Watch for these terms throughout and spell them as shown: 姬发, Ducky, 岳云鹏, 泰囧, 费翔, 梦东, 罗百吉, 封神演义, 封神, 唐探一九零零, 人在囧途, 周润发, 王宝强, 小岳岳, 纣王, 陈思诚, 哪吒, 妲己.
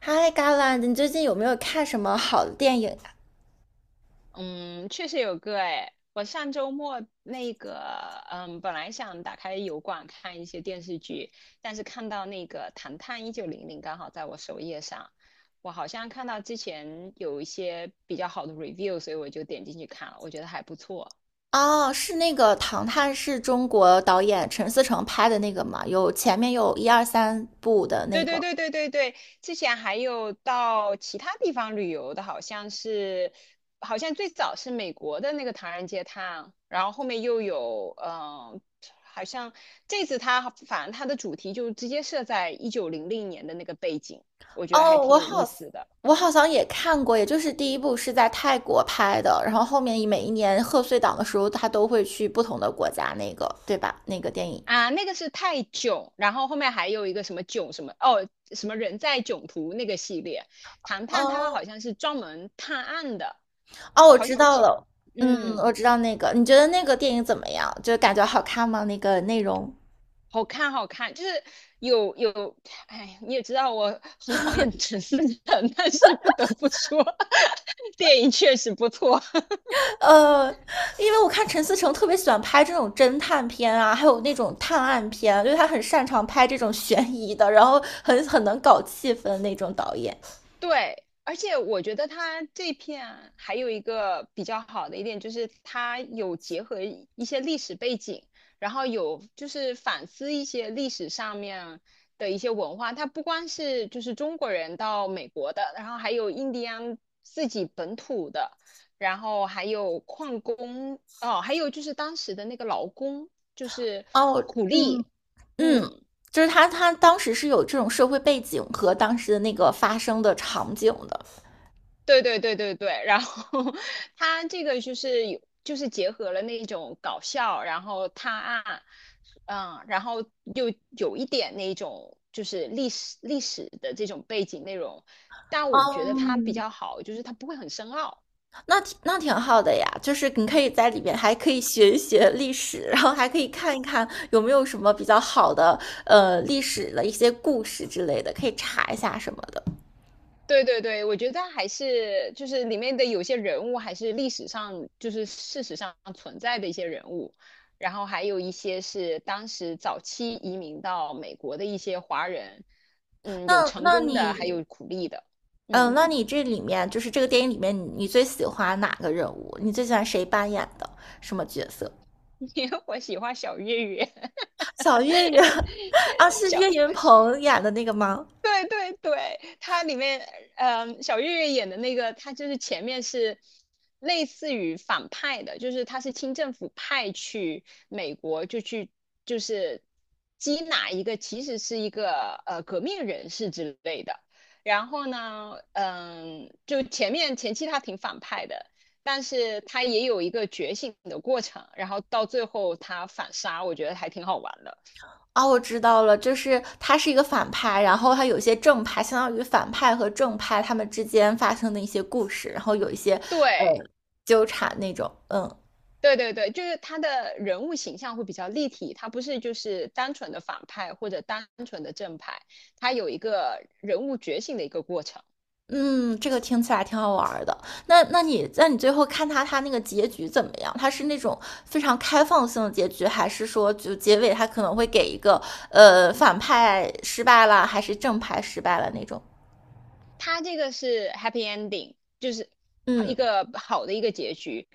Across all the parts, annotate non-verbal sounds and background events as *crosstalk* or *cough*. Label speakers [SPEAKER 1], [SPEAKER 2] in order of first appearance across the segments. [SPEAKER 1] 嗨，i g a l a 你最近有没有看什么好的电影啊？
[SPEAKER 2] 嗯，确实有个哎，我上周末那个，本来想打开油管看一些电视剧，但是看到那个《唐探一九零零》刚好在我首页上，我好像看到之前有一些比较好的 review，所以我就点进去看了，我觉得还不错。
[SPEAKER 1] 哦，是那个《唐探》，是中国导演陈思诚拍的那个嘛？有前面有一二三部的那
[SPEAKER 2] 对对
[SPEAKER 1] 个。
[SPEAKER 2] 对对对对，之前还有到其他地方旅游的，好像是，好像最早是美国的那个唐人街探，然后后面又有，好像这次它反正它的主题就直接设在1900年的那个背景，我觉得还
[SPEAKER 1] 哦，
[SPEAKER 2] 挺
[SPEAKER 1] 我
[SPEAKER 2] 有
[SPEAKER 1] 好，
[SPEAKER 2] 意思的
[SPEAKER 1] 我好像也看过，也就是第一部是在泰国拍的，然后后面每一年贺岁档的时候，他都会去不同的国家，那个对吧？那个电影。
[SPEAKER 2] 啊。那个是泰囧，然后后面还有一个什么囧什么哦，什么人在囧途那个系列，唐判它
[SPEAKER 1] 哦，
[SPEAKER 2] 好像是专门探案的，
[SPEAKER 1] 哦，我
[SPEAKER 2] 好
[SPEAKER 1] 知
[SPEAKER 2] 像
[SPEAKER 1] 道
[SPEAKER 2] 这，
[SPEAKER 1] 了。嗯，我
[SPEAKER 2] 嗯。
[SPEAKER 1] 知道那个。你觉得那个电影怎么样？就感觉好看吗？那个内容？
[SPEAKER 2] 好看，好看，就是有，哎，你也知道我很讨厌 *laughs* 陈思诚，但是不得不说，*laughs* 电影确实不错。
[SPEAKER 1] 呃，因为我看陈思诚特别喜欢拍这种侦探片啊，还有那种探案片，就是他很擅长拍这种悬疑的，然后很能搞气氛那种导演。
[SPEAKER 2] 对，而且我觉得它这片还有一个比较好的一点，就是它有结合一些历史背景，然后有就是反思一些历史上面的一些文化。它不光是就是中国人到美国的，然后还有印第安自己本土的，然后还有矿工，哦，还有就是当时的那个劳工，就是
[SPEAKER 1] 哦，
[SPEAKER 2] 苦
[SPEAKER 1] 嗯
[SPEAKER 2] 力，
[SPEAKER 1] 嗯，
[SPEAKER 2] 嗯
[SPEAKER 1] 就是他当时是有这种社会背景和当时的那个发生的场景的。
[SPEAKER 2] 对对对对对，然后 *laughs* 他这个就是有，就是结合了那种搞笑，然后探案，然后又有一点那种就是历史的这种背景内容，但我觉得它比
[SPEAKER 1] 嗯，
[SPEAKER 2] 较好，就是它不会很深奥，
[SPEAKER 1] 那挺好的呀，就是你可以在里面还可以学一学历史，然后还可以看一看有没有什么比较好的历史的一些故事之类的，可以查一下什么的。
[SPEAKER 2] 对对对，我觉得还是就是里面的有些人物还是历史上就是事实上存在的一些人物，然后还有一些是当时早期移民到美国的一些华人，嗯，有
[SPEAKER 1] 那
[SPEAKER 2] 成
[SPEAKER 1] 那
[SPEAKER 2] 功的，还
[SPEAKER 1] 你，
[SPEAKER 2] 有苦力的，
[SPEAKER 1] 嗯，
[SPEAKER 2] 嗯，
[SPEAKER 1] 那你这里面就是这个电影里面你最喜欢哪个人物？你最喜欢谁扮演的什么角色？
[SPEAKER 2] *laughs* 因为我喜欢小岳岳，*laughs*
[SPEAKER 1] 小岳岳 *laughs* 啊，是岳云
[SPEAKER 2] 小
[SPEAKER 1] 鹏演的那个吗？
[SPEAKER 2] 对对对，它里面，嗯，小岳岳演的那个，他就是前面是类似于反派的，就是他是清政府派去美国，就去就是缉拿一个其实是一个革命人士之类的。然后呢，就前期他挺反派的，但是他也有一个觉醒的过程，然后到最后他反杀，我觉得还挺好玩的。
[SPEAKER 1] 啊，我知道了，就是他是一个反派，然后他有一些正派，相当于反派和正派他们之间发生的一些故事，然后有一些呃
[SPEAKER 2] 对。
[SPEAKER 1] 纠缠那种，嗯
[SPEAKER 2] 对对对，就是他的人物形象会比较立体，他不是就是单纯的反派或者单纯的正派，他有一个人物觉醒的一个过程。
[SPEAKER 1] 嗯，这个听起来挺好玩儿的。那你最后看他那个结局怎么样？他是那种非常开放性的结局，还是说就结尾他可能会给一个反派失败了，还是正派失败了那种？
[SPEAKER 2] 它这个是 happy ending,就是一
[SPEAKER 1] 嗯，
[SPEAKER 2] 个好的一个结局。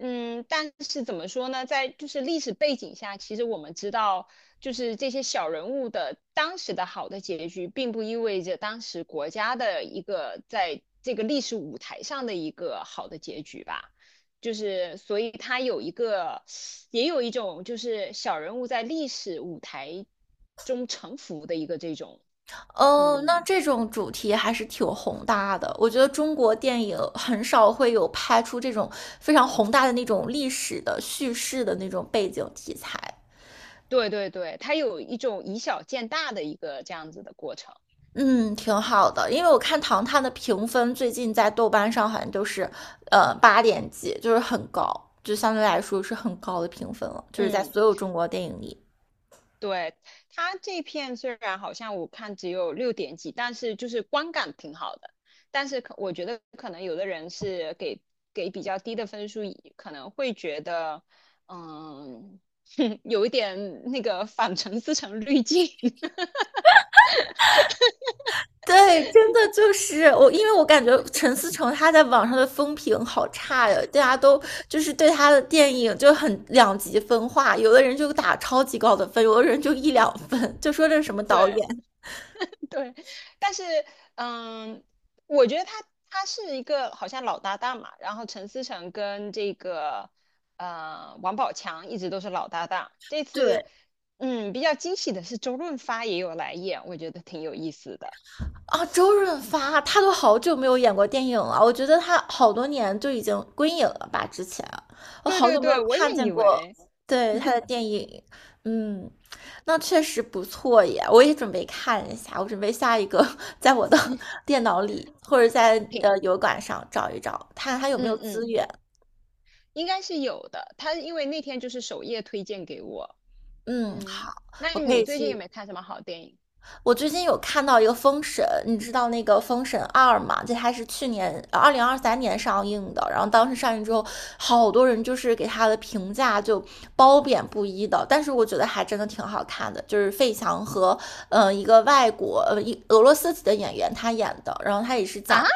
[SPEAKER 2] 嗯，但是怎么说呢，在就是历史背景下，其实我们知道，就是这些小人物的当时的好的结局，并不意味着当时国家的一个在这个历史舞台上的一个好的结局吧。就是，所以它有一个，也有一种就是小人物在历史舞台中沉浮的一个这种，
[SPEAKER 1] 哦，那
[SPEAKER 2] 嗯。
[SPEAKER 1] 这种主题还是挺宏大的。我觉得中国电影很少会有拍出这种非常宏大的那种历史的叙事的那种背景题材。
[SPEAKER 2] 对对对，它有一种以小见大的一个这样子的过程。
[SPEAKER 1] 嗯，挺好的，因为我看《唐探》的评分最近在豆瓣上好像都是，八点几，就是很高，就相对来说是很高的评分了，就是在
[SPEAKER 2] 嗯，
[SPEAKER 1] 所有中国电影里。
[SPEAKER 2] 对，它这片虽然好像我看只有六点几，但是就是观感挺好的。但是可我觉得可能有的人是给比较低的分数，可能会觉得，嗯，*laughs* 有一点那个反程思成滤镜。*laughs*
[SPEAKER 1] 对，真的就是我，因为我感觉陈思诚他在网上的风评好差呀，大家都就是对他的电影就很两极分化，有的人就打超级高的分，有的人就一两分，就说这是什么导
[SPEAKER 2] 对，
[SPEAKER 1] 演。
[SPEAKER 2] 对，但是嗯，我觉得他是一个好像老搭档嘛，然后陈思诚跟这个王宝强一直都是老搭档。这
[SPEAKER 1] *laughs*
[SPEAKER 2] 次
[SPEAKER 1] 对，
[SPEAKER 2] 嗯比较惊喜的是周润发也有来演，我觉得挺有意思的。
[SPEAKER 1] 啊，周润发他都好久没有演过电影了，我觉得他好多年就已经归隐了吧。之前我
[SPEAKER 2] 对
[SPEAKER 1] 好久
[SPEAKER 2] 对
[SPEAKER 1] 没
[SPEAKER 2] 对，
[SPEAKER 1] 有
[SPEAKER 2] 我也
[SPEAKER 1] 看见
[SPEAKER 2] 以
[SPEAKER 1] 过
[SPEAKER 2] 为
[SPEAKER 1] 对他的电影，嗯，那确实不错耶，我也准备看一下，我准备下一个 *laughs* 在
[SPEAKER 2] *laughs*
[SPEAKER 1] 我的
[SPEAKER 2] 你
[SPEAKER 1] *laughs* 电脑里或者在
[SPEAKER 2] 挺
[SPEAKER 1] 油管上找一找，看看他有没有
[SPEAKER 2] 嗯
[SPEAKER 1] 资
[SPEAKER 2] 嗯
[SPEAKER 1] 源。
[SPEAKER 2] 应该是有的。他因为那天就是首页推荐给我，
[SPEAKER 1] 嗯，
[SPEAKER 2] 嗯，
[SPEAKER 1] 好，
[SPEAKER 2] 那
[SPEAKER 1] 我可
[SPEAKER 2] 你
[SPEAKER 1] 以
[SPEAKER 2] 最近有
[SPEAKER 1] 去。
[SPEAKER 2] 没有看什么好电影
[SPEAKER 1] 我最近有看到一个《封神》，你知道那个《封神二》吗？这它是去年2023年上映的，然后当时上映之后，好多人就是给他的评价就褒贬不一的，但是我觉得还真的挺好看的，就是费翔和一个外国一俄罗斯籍的演员他演的，然后他也是
[SPEAKER 2] 啊？
[SPEAKER 1] 讲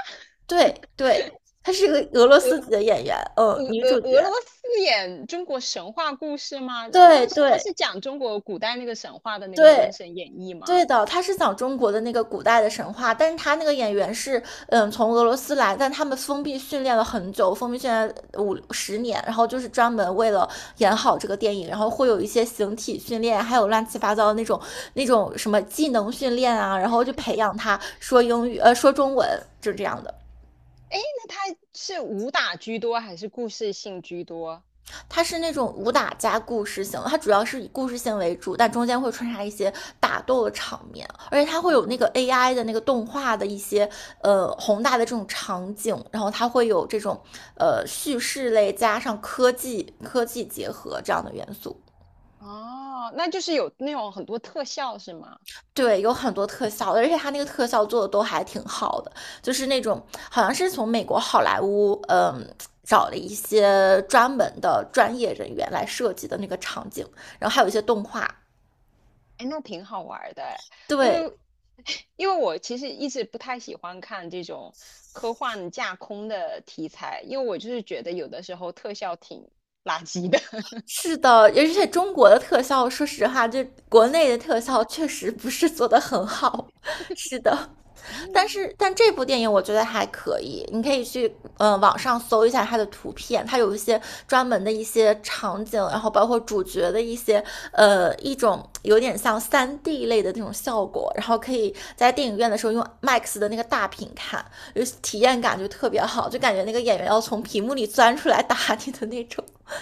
[SPEAKER 1] 对对，他是一个俄罗斯籍的演员，嗯，
[SPEAKER 2] 俄
[SPEAKER 1] 女主角，
[SPEAKER 2] 罗斯演中国神话故事吗？
[SPEAKER 1] 对
[SPEAKER 2] 封他
[SPEAKER 1] 对。
[SPEAKER 2] 是讲中国古代那个神话的那个《封
[SPEAKER 1] 对
[SPEAKER 2] 神演义》吗？
[SPEAKER 1] 对的，他是讲中国的那个古代的神话，但是他那个演员是，嗯，从俄罗斯来，但他们封闭训练了很久，封闭训练50年，然后就是专门为了演好这个电影，然后会有一些形体训练，还有乱七八糟的那种那种什么技能训练啊，然后就培养他说英语，说中文，就这样的。
[SPEAKER 2] 那他是武打居多还是故事性居多？
[SPEAKER 1] 它是那种武打加故事性，它主要是以故事性为主，但中间会穿插一些打斗的场面，而且它会有那
[SPEAKER 2] 嗯，
[SPEAKER 1] 个 AI 的那个动画的一些宏大的这种场景，然后它会有这种叙事类加上科技结合这样的元素。
[SPEAKER 2] 哦，那就是有那种很多特效是吗？
[SPEAKER 1] 对，有很多特效，而且它那个特效做的都还挺好的，就是那种好像是从美国好莱坞找了一些专门的专业人员来设计的那个场景，然后还有一些动画。
[SPEAKER 2] 哎，那挺好玩儿的诶因
[SPEAKER 1] 对，
[SPEAKER 2] 为 *laughs* 因为我其实一直不太喜欢看这种科幻架空的题材，因为我就是觉得有的时候特效挺垃圾的。
[SPEAKER 1] 是的，而且中国的特效，说实话，就国内的特效确实不是做的很好。*laughs* 是的，但是
[SPEAKER 2] *laughs*
[SPEAKER 1] 但这部电影我觉得还可以，你可以去网上搜一下它的图片，它有一些专门的一些场景，然后包括主角的一些一种有点像3D 类的那种效果，然后可以在电影院的时候用 MAX 的那个大屏看，就是体验感就特别好，就感觉那个演员要从屏幕里钻出来打你的那种。*laughs*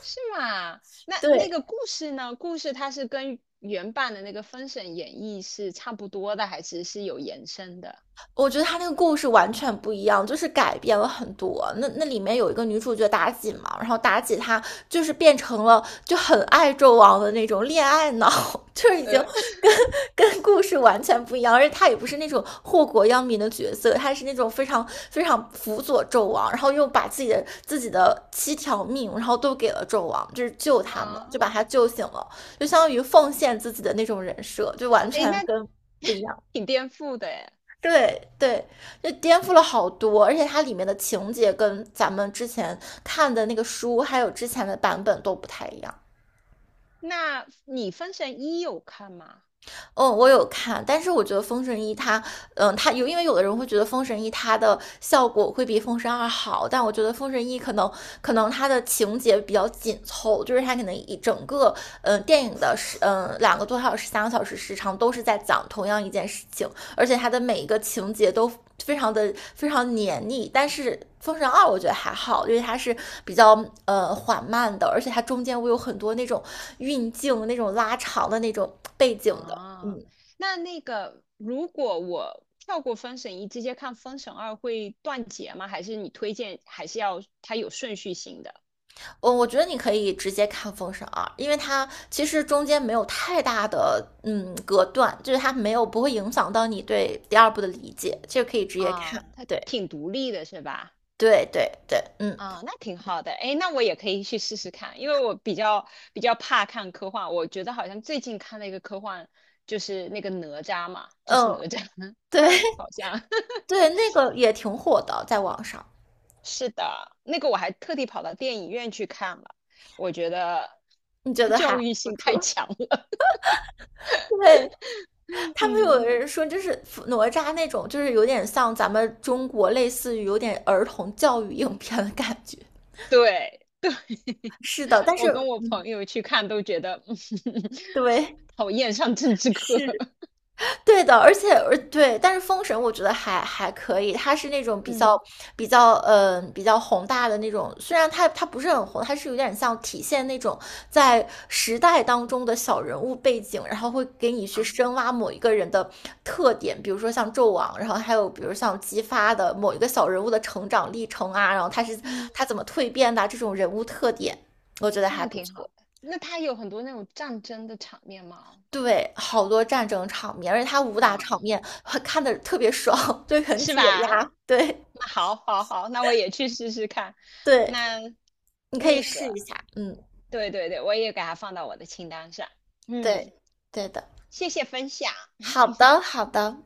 [SPEAKER 2] 是吗？那那
[SPEAKER 1] 对，
[SPEAKER 2] 个故事呢？故事它是跟原版的那个《封神演义》是差不多的，还是是有延伸的？
[SPEAKER 1] 我觉得他那个故事完全不一样，就是改变了很多。那那里面有一个女主角妲己嘛，然后妲己她就是变成了就很爱纣王的那种恋爱脑，*laughs* 就是已经
[SPEAKER 2] 呃，*laughs*
[SPEAKER 1] 跟跟故事完全不一样，而且她也不是那种祸国殃民的角色，她是那种非常非常辅佐纣王，然后又把自己的七条命，然后都给了纣王，就是救他们，
[SPEAKER 2] 啊，
[SPEAKER 1] 就把他救醒了，就相当于奉献自己的那种人设，就完
[SPEAKER 2] 哎，
[SPEAKER 1] 全
[SPEAKER 2] 那
[SPEAKER 1] 跟不一样。
[SPEAKER 2] 挺颠覆的哎。
[SPEAKER 1] 对对，就颠覆了好多，而且它里面的情节跟咱们之前看的那个书，还有之前的版本都不太一样。
[SPEAKER 2] 那你《封神一》有看吗？
[SPEAKER 1] 嗯，我有看，但是我觉得《封神一》它，嗯，它有，因为有的人会觉得《封神一》它的效果会比《封神二》好，但我觉得《封神一》可能它的情节比较紧凑，就是它可能一整个电影的2个多小时、3个小时时长都是在讲同样一件事情，而且它的每一个情节都非常的非常黏腻，但是《封神二》我觉得还好，因为它是比较缓慢的，而且它中间会有很多那种运镜、那种拉长的那种背景的。
[SPEAKER 2] 啊，那那个如果我跳过《封神一》，直接看《封神二》会断节吗？还是你推荐还是要它有顺序性的？
[SPEAKER 1] 我觉得你可以直接看《封神二》，因为它其实中间没有太大的隔断，就是它没有不会影响到你对第二部的理解，这个可以直接
[SPEAKER 2] 啊，
[SPEAKER 1] 看。
[SPEAKER 2] 它
[SPEAKER 1] 对
[SPEAKER 2] 挺独立的是吧？
[SPEAKER 1] 对对对，嗯
[SPEAKER 2] 啊，那挺好的，哎，那我也可以去试试看，因为我比较怕看科幻，我觉得好像最近看了一个科幻，就是那个哪吒嘛，就是
[SPEAKER 1] 嗯，
[SPEAKER 2] 哪吒 *laughs*
[SPEAKER 1] 对
[SPEAKER 2] 二，好像
[SPEAKER 1] *laughs*
[SPEAKER 2] *laughs*
[SPEAKER 1] 对，那个也挺火的，在网上，
[SPEAKER 2] 是的，那个我还特地跑到电影院去看了，我觉得
[SPEAKER 1] 你觉得
[SPEAKER 2] 教
[SPEAKER 1] 还
[SPEAKER 2] 育
[SPEAKER 1] 不
[SPEAKER 2] 性太
[SPEAKER 1] 错？
[SPEAKER 2] 强了，
[SPEAKER 1] *laughs* 对，
[SPEAKER 2] *laughs*
[SPEAKER 1] 他们有
[SPEAKER 2] 嗯，
[SPEAKER 1] 人说，就是哪吒那种，就是有点像咱们中国类似于有点儿童教育影片的感觉。
[SPEAKER 2] 对对，*laughs*
[SPEAKER 1] 是的，但是
[SPEAKER 2] 我跟我朋友去看都觉得 *laughs*，嗯
[SPEAKER 1] 对，
[SPEAKER 2] 讨厌上政治课，
[SPEAKER 1] 是
[SPEAKER 2] *laughs*
[SPEAKER 1] 对的，而且而对，但是封神我觉得还可以，它是那种比较
[SPEAKER 2] 嗯
[SPEAKER 1] 比较宏大的那种，虽然它不是很宏，它是有点像体现那种在时代当中的小人物背景，然后会给你去
[SPEAKER 2] 啊，
[SPEAKER 1] 深挖某一个人的特点，比如说像纣王，然后还有比如像姬发的某一个小人物的成长历程啊，然后
[SPEAKER 2] 嗯。
[SPEAKER 1] 他怎么蜕变的啊这种人物特点，我觉得还
[SPEAKER 2] 那
[SPEAKER 1] 不
[SPEAKER 2] 挺好
[SPEAKER 1] 错。
[SPEAKER 2] 的。那它有很多那种战争的场面吗？
[SPEAKER 1] 对，好多战争场面，而且他武打
[SPEAKER 2] 嗯
[SPEAKER 1] 场
[SPEAKER 2] 嗯，
[SPEAKER 1] 面还看的特别爽，*laughs* 对，很
[SPEAKER 2] 是
[SPEAKER 1] 解
[SPEAKER 2] 吧？
[SPEAKER 1] 压。对
[SPEAKER 2] 那好，好，好，那我也去试试看。
[SPEAKER 1] 对，
[SPEAKER 2] 那
[SPEAKER 1] 你可以
[SPEAKER 2] 那
[SPEAKER 1] 试一
[SPEAKER 2] 个，
[SPEAKER 1] 下。嗯，
[SPEAKER 2] 对对对，我也给它放到我的清单上。嗯，
[SPEAKER 1] 对对的。
[SPEAKER 2] 谢谢分享。
[SPEAKER 1] 好的，好的。